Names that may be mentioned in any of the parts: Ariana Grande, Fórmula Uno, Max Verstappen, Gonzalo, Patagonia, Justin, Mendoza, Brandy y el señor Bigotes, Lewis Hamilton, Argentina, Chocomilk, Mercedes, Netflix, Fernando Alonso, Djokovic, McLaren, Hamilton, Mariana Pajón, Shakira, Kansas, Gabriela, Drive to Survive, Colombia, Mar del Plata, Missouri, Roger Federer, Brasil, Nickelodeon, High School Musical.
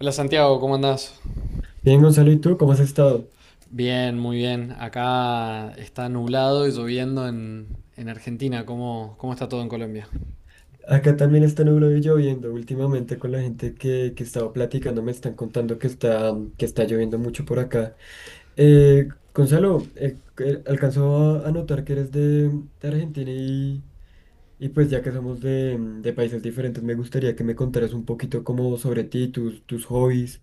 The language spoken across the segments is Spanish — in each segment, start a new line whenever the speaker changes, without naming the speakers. Hola Santiago, ¿cómo andás?
Bien, Gonzalo, ¿y tú cómo has estado?
Bien, muy bien. Acá está nublado y lloviendo en Argentina. ¿Cómo está todo en Colombia?
Acá también está nublado y lloviendo. Últimamente con la gente que estaba platicando me están contando que que está lloviendo mucho por acá. Gonzalo, alcanzó a notar que eres de Argentina y pues ya que somos de de países diferentes, me gustaría que me contaras un poquito como sobre ti, tus hobbies,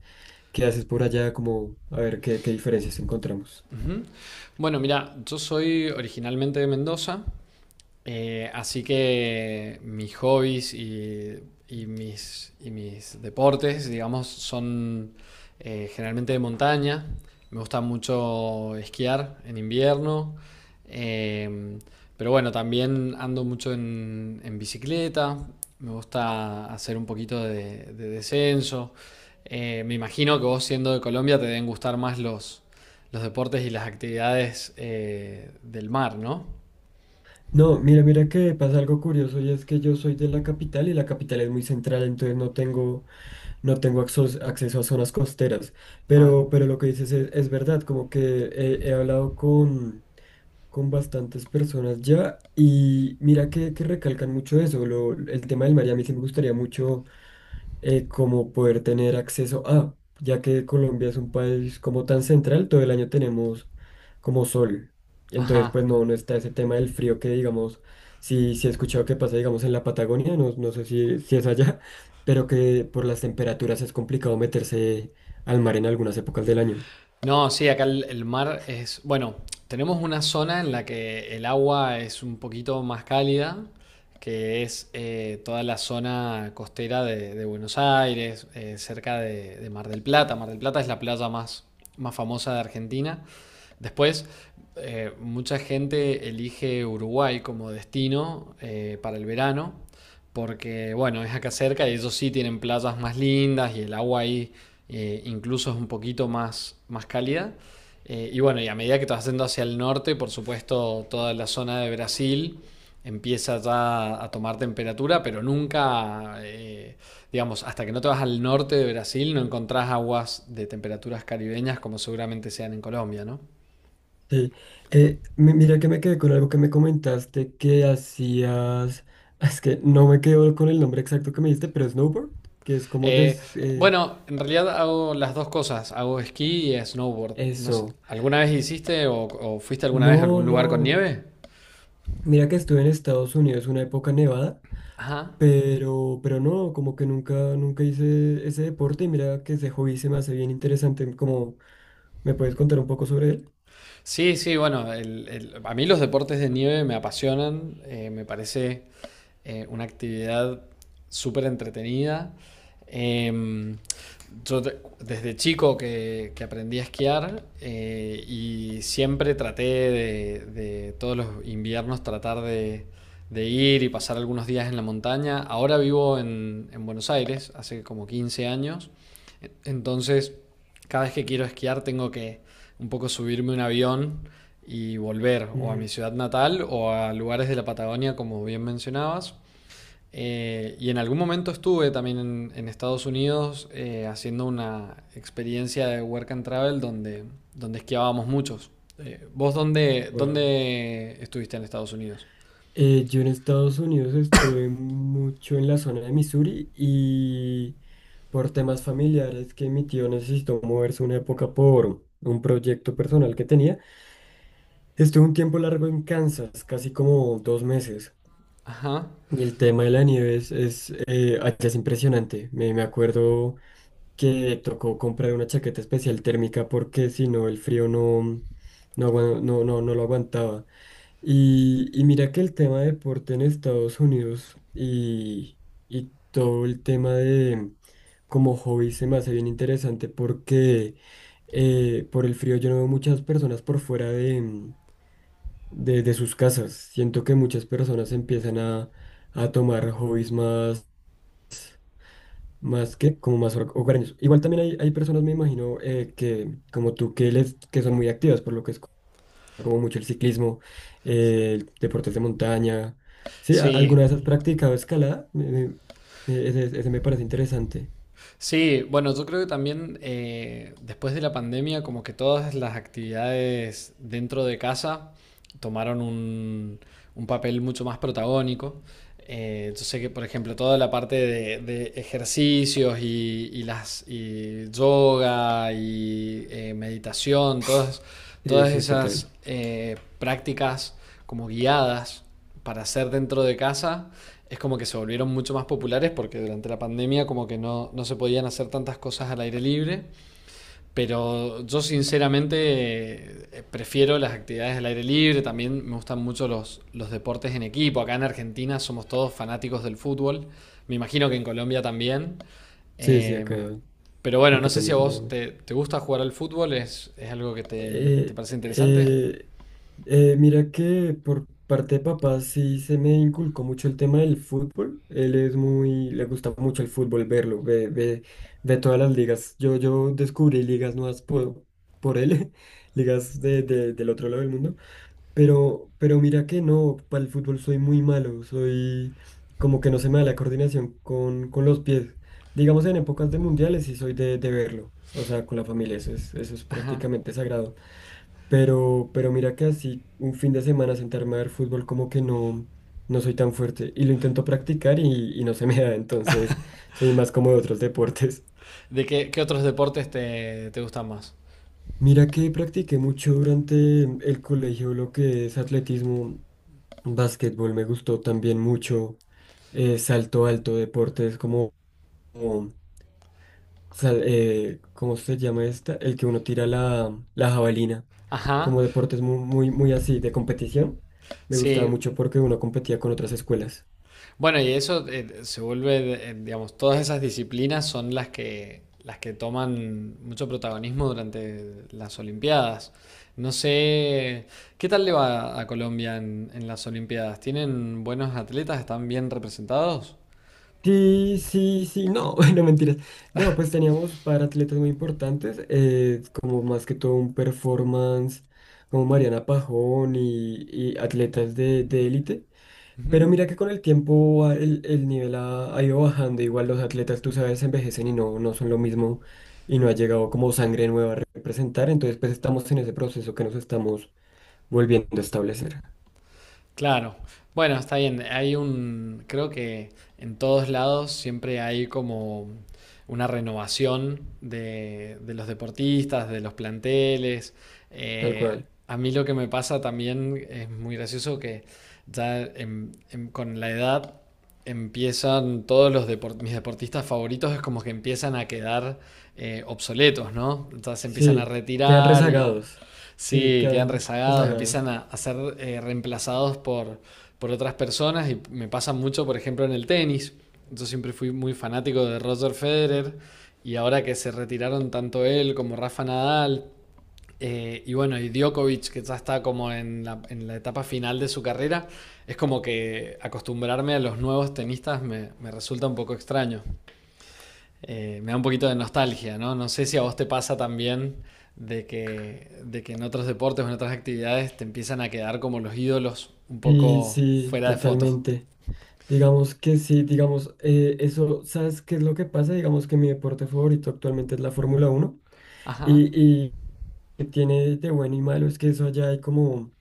qué haces por allá, como a ver qué diferencias encontramos.
Bueno, mira, yo soy originalmente de Mendoza, así que mis hobbies y mis deportes, digamos, son generalmente de montaña. Me gusta mucho esquiar en invierno, eh, pero bueno, también ando mucho en bicicleta, me gusta hacer un poquito de descenso. Me imagino que vos siendo de Colombia te deben gustar más los deportes y las actividades del mar, ¿no?
No, mira, mira que pasa algo curioso y es que yo soy de la capital y la capital es muy central, entonces no tengo acceso a zonas costeras.
Ah,
Pero lo que dices es verdad, como que he hablado con bastantes personas ya y mira que recalcan mucho eso, el tema del mar y a mí sí me gustaría mucho como poder tener acceso a, ya que Colombia es un país como tan central, todo el año tenemos como sol. Entonces,
ajá.
pues no está ese tema del frío que digamos, si he escuchado que pasa, digamos, en la Patagonia, no sé si es allá, pero que por las temperaturas es complicado meterse al mar en algunas épocas del año.
No, sí, acá el mar es, bueno, tenemos una zona en la que el agua es un poquito más cálida, que es toda la zona costera de Buenos Aires, cerca de Mar del Plata. Mar del Plata es la playa más famosa de Argentina. Después, mucha gente elige Uruguay como destino para el verano, porque bueno, es acá cerca y ellos sí tienen playas más lindas y el agua ahí incluso es un poquito más cálida. Y bueno, y a medida que te vas yendo hacia el norte, por supuesto, toda la zona de Brasil empieza ya a tomar temperatura, pero nunca, digamos, hasta que no te vas al norte de Brasil, no encontrás aguas de temperaturas caribeñas como seguramente sean en Colombia, ¿no?
Sí. Mira que me quedé con algo que me comentaste que hacías, es que no me quedo con el nombre exacto que me diste, pero snowboard, que es como
Eh, bueno, en realidad hago las dos cosas, hago esquí y snowboard. No sé,
eso.
¿alguna vez hiciste o fuiste alguna vez a
No,
algún lugar con
no.
nieve?
Mira que estuve en Estados Unidos una época nevada,
Ajá.
pero no, como que nunca hice ese deporte y mira que ese hobby se me hace bien interesante. Como, ¿me puedes contar un poco sobre él?
Sí, sí, bueno, a mí los deportes de nieve me apasionan, me parece una actividad súper entretenida. Em, yo desde chico que aprendí a esquiar y siempre traté de todos los inviernos tratar de ir y pasar algunos días en la montaña. Ahora vivo en Buenos Aires, hace como 15 años, entonces cada vez que quiero esquiar tengo que un poco subirme un avión y volver o a mi
Mm,
ciudad natal o a lugares de la Patagonia, como bien mencionabas. Y en algún momento estuve también en Estados Unidos haciendo una experiencia de work and travel donde esquiábamos muchos. ¿Vos dónde,
wow.
dónde estuviste en Estados Unidos?
Yo en Estados Unidos estuve mucho en la zona de Missouri y por temas familiares que mi tío necesitó moverse una época por un proyecto personal que tenía. Estuve un tiempo largo en Kansas, casi como 2 meses,
Ajá.
y el tema de la nieve allá es impresionante. Me acuerdo que tocó comprar una chaqueta especial térmica porque si no el frío no, no, agua- no, no, no lo aguantaba. Y mira que el tema de deporte en Estados Unidos y todo el tema de como hobby se me hace bien interesante porque por el frío yo no veo muchas personas por fuera de sus casas. Siento que muchas personas empiezan a tomar hobbies más, más que como más hogareños. Igual también hay personas, me imagino, que como tú, que son muy activas, por lo que es como mucho el ciclismo, el deportes de montaña. Sí,
Sí,
¿alguna vez has practicado escalada? Ese, ese me parece interesante.
sí, bueno, yo creo que también después de la pandemia, como que todas las actividades dentro de casa tomaron un papel mucho más protagónico. Yo sé que, por ejemplo, toda la parte de ejercicios y las y yoga y meditación, todas,
Sí,
todas
sí,
esas
total.
prácticas como guiadas para hacer dentro de casa, es como que se volvieron mucho más populares porque durante la pandemia como que no se podían hacer tantas cosas al aire libre, pero yo sinceramente prefiero las actividades al aire libre, también me gustan mucho los deportes en equipo, acá en Argentina somos todos fanáticos del fútbol, me imagino que en Colombia también.
Sí, sí,
Eh,
acá,
pero bueno, no
acá
sé si a
también se ve
vos
mucho.
te gusta jugar al fútbol, es algo que te
Eh,
parece interesante.
eh, mira que por parte de papá sí se me inculcó mucho el tema del fútbol. Él es muy, le gusta mucho el fútbol, verlo, ve todas las ligas. Yo descubrí ligas nuevas por él, ligas de, del otro lado del mundo. Pero mira que no, para el fútbol soy muy malo, soy como que no se me da la coordinación con los pies. Digamos en épocas de mundiales sí soy de verlo, o sea, con la familia, eso es prácticamente sagrado. Pero mira que así un fin de semana sentarme a ver fútbol como que no, no soy tan fuerte. Y lo intento practicar y no se me da, entonces soy más como de otros deportes.
¿De qué, otros deportes te gustan más?
Mira que practiqué mucho durante el colegio lo que es atletismo, básquetbol, me gustó también mucho, salto alto, deportes como ¿cómo se llama esta? El que uno tira la jabalina.
Ajá,
Como deportes muy, muy, muy así, de competición. Me gustaba
sí,
mucho porque uno competía con otras escuelas.
bueno, y eso se vuelve, digamos, todas esas disciplinas son las que toman mucho protagonismo durante las Olimpiadas. No sé, ¿qué tal le va a Colombia en las Olimpiadas? ¿Tienen buenos atletas? ¿Están bien representados?
Sí, sí, sí, no, no mentiras. No, pues teníamos para atletas muy importantes, como más que todo un performance, como Mariana Pajón y atletas de élite. Pero
Ujú.
mira que con el tiempo el nivel ha ido bajando. Igual los atletas, tú sabes, envejecen y no son lo mismo y no ha llegado como sangre nueva a representar. Entonces, pues estamos en ese proceso que nos estamos volviendo a establecer.
Claro. Bueno, está bien. Hay creo que en todos lados siempre hay como una renovación de los deportistas, de los planteles.
Tal
Eh,
cual.
a mí lo que me pasa también es muy gracioso que ya con la edad empiezan todos los mis deportistas favoritos es como que empiezan a quedar obsoletos, ¿no? Entonces se empiezan a
Sí, quedan
retirar y,
rezagados. Sí,
sí, quedan
quedan
rezagados,
rezagados.
empiezan a ser reemplazados por otras personas y me pasa mucho, por ejemplo, en el tenis. Yo siempre fui muy fanático de Roger Federer y ahora que se retiraron tanto él como Rafa Nadal y bueno, y Djokovic, que ya está como en la, etapa final de su carrera, es como que acostumbrarme a los nuevos tenistas me resulta un poco extraño me da un poquito de nostalgia, ¿no? No sé si a vos te pasa también de que en otros deportes o en otras actividades te empiezan a quedar como los ídolos un
Sí,
poco
sí,
fuera de fotos.
totalmente. Digamos que sí, digamos, eso, ¿sabes qué es lo que pasa? Digamos que mi deporte favorito actualmente es la Fórmula uno
Ajá.
y que tiene de bueno y malo es que eso allá hay como,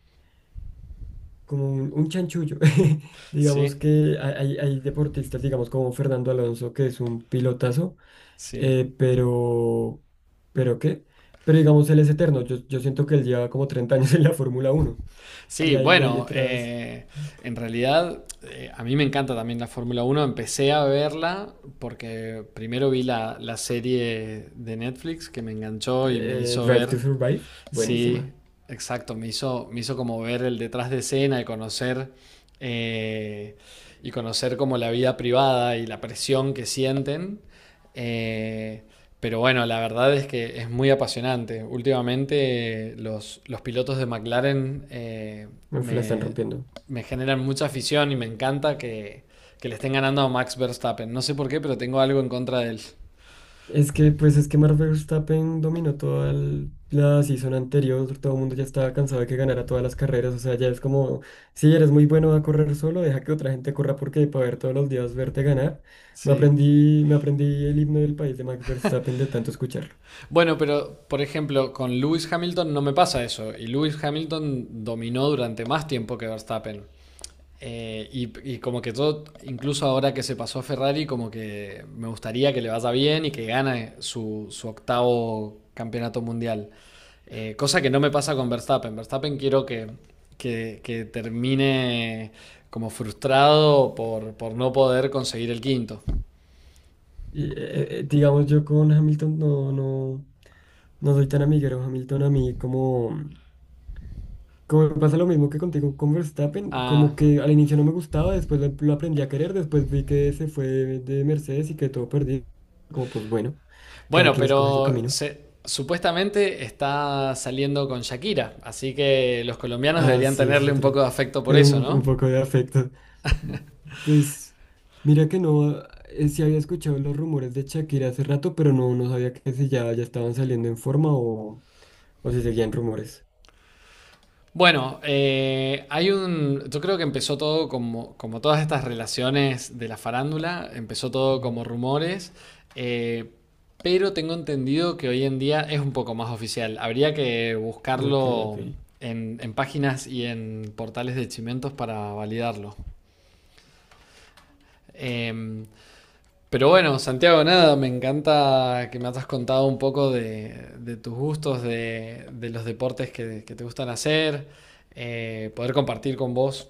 como un chanchullo. Digamos
Sí,
que hay deportistas, digamos como Fernando Alonso, que es un pilotazo,
sí.
eh, pero, ¿pero qué? Pero digamos, él es eterno. Yo siento que él lleva como 30 años en la Fórmula Uno.
Sí,
Y hay
bueno,
otras,
en realidad a mí me encanta también la Fórmula 1. Empecé a verla porque primero vi la serie de Netflix que me enganchó y me hizo
Drive to
ver.
Survive,
Sí,
buenísima.
exacto. Me hizo como ver el detrás de escena y conocer, eh, y conocer como la vida privada y la presión que sienten. Eh, pero bueno, la verdad es que es muy apasionante. Últimamente los pilotos de McLaren
Me la están
me,
rompiendo.
me generan mucha afición y me encanta que le estén ganando a Max Verstappen. No sé por qué, pero tengo algo en contra de él.
Es que, pues es que Max Verstappen dominó toda la season anterior, todo el mundo ya estaba cansado de que ganara todas las carreras, o sea, ya es como, si eres muy bueno a correr solo, deja que otra gente corra porque para ver todos los días verte ganar,
Sí.
me aprendí el himno del país de Max Verstappen de tanto escucharlo.
Bueno, pero por ejemplo, con Lewis Hamilton no me pasa eso. Y Lewis Hamilton dominó durante más tiempo que Verstappen. Y como que todo, incluso ahora que se pasó a Ferrari, como que me gustaría que le vaya bien y que gane su octavo campeonato mundial. Cosa que no me pasa con Verstappen. Verstappen quiero que, que termine como frustrado por no poder conseguir el quinto.
Y, digamos, yo con Hamilton no soy tan amiguero, Hamilton a mí como... Como me pasa lo mismo que contigo con Verstappen,
Ah,
como que al inicio no me gustaba, después lo aprendí a querer, después vi que se fue de Mercedes y que todo perdido. Como pues bueno, cada
bueno,
quien escoge su
pero
camino.
supuestamente está saliendo con Shakira, así que los colombianos
Ah,
deberían
sí, esa es
tenerle un
otra.
poco de afecto por eso,
Un
¿no?
poco de afecto. Pues mira que no, sí había escuchado los rumores de Shakira hace rato, pero no, no sabía que si ya, ya estaban saliendo en forma o si seguían rumores.
Bueno, hay un. yo creo que empezó todo como, todas estas relaciones de la farándula, empezó todo
Ujú.
como rumores, eh, pero tengo entendido que hoy en día es un poco más oficial. Habría que
Ok, ok.
buscarlo en páginas y en portales de chimentos para validarlo. Em, Pero bueno, Santiago, nada, me encanta que me has contado un poco de tus gustos, de los deportes que te gustan hacer, poder compartir con vos.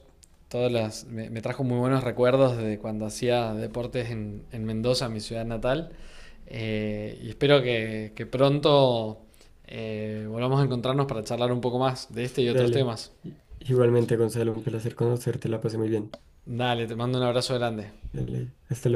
Me trajo muy buenos recuerdos de cuando hacía deportes en Mendoza, mi ciudad natal. Y espero que pronto volvamos a encontrarnos para charlar un poco más de este y otros
Dale.
temas.
Igualmente, Gonzalo, un placer conocerte, la pasé muy bien.
Dale, te mando un abrazo grande.
De ley. Hasta luego.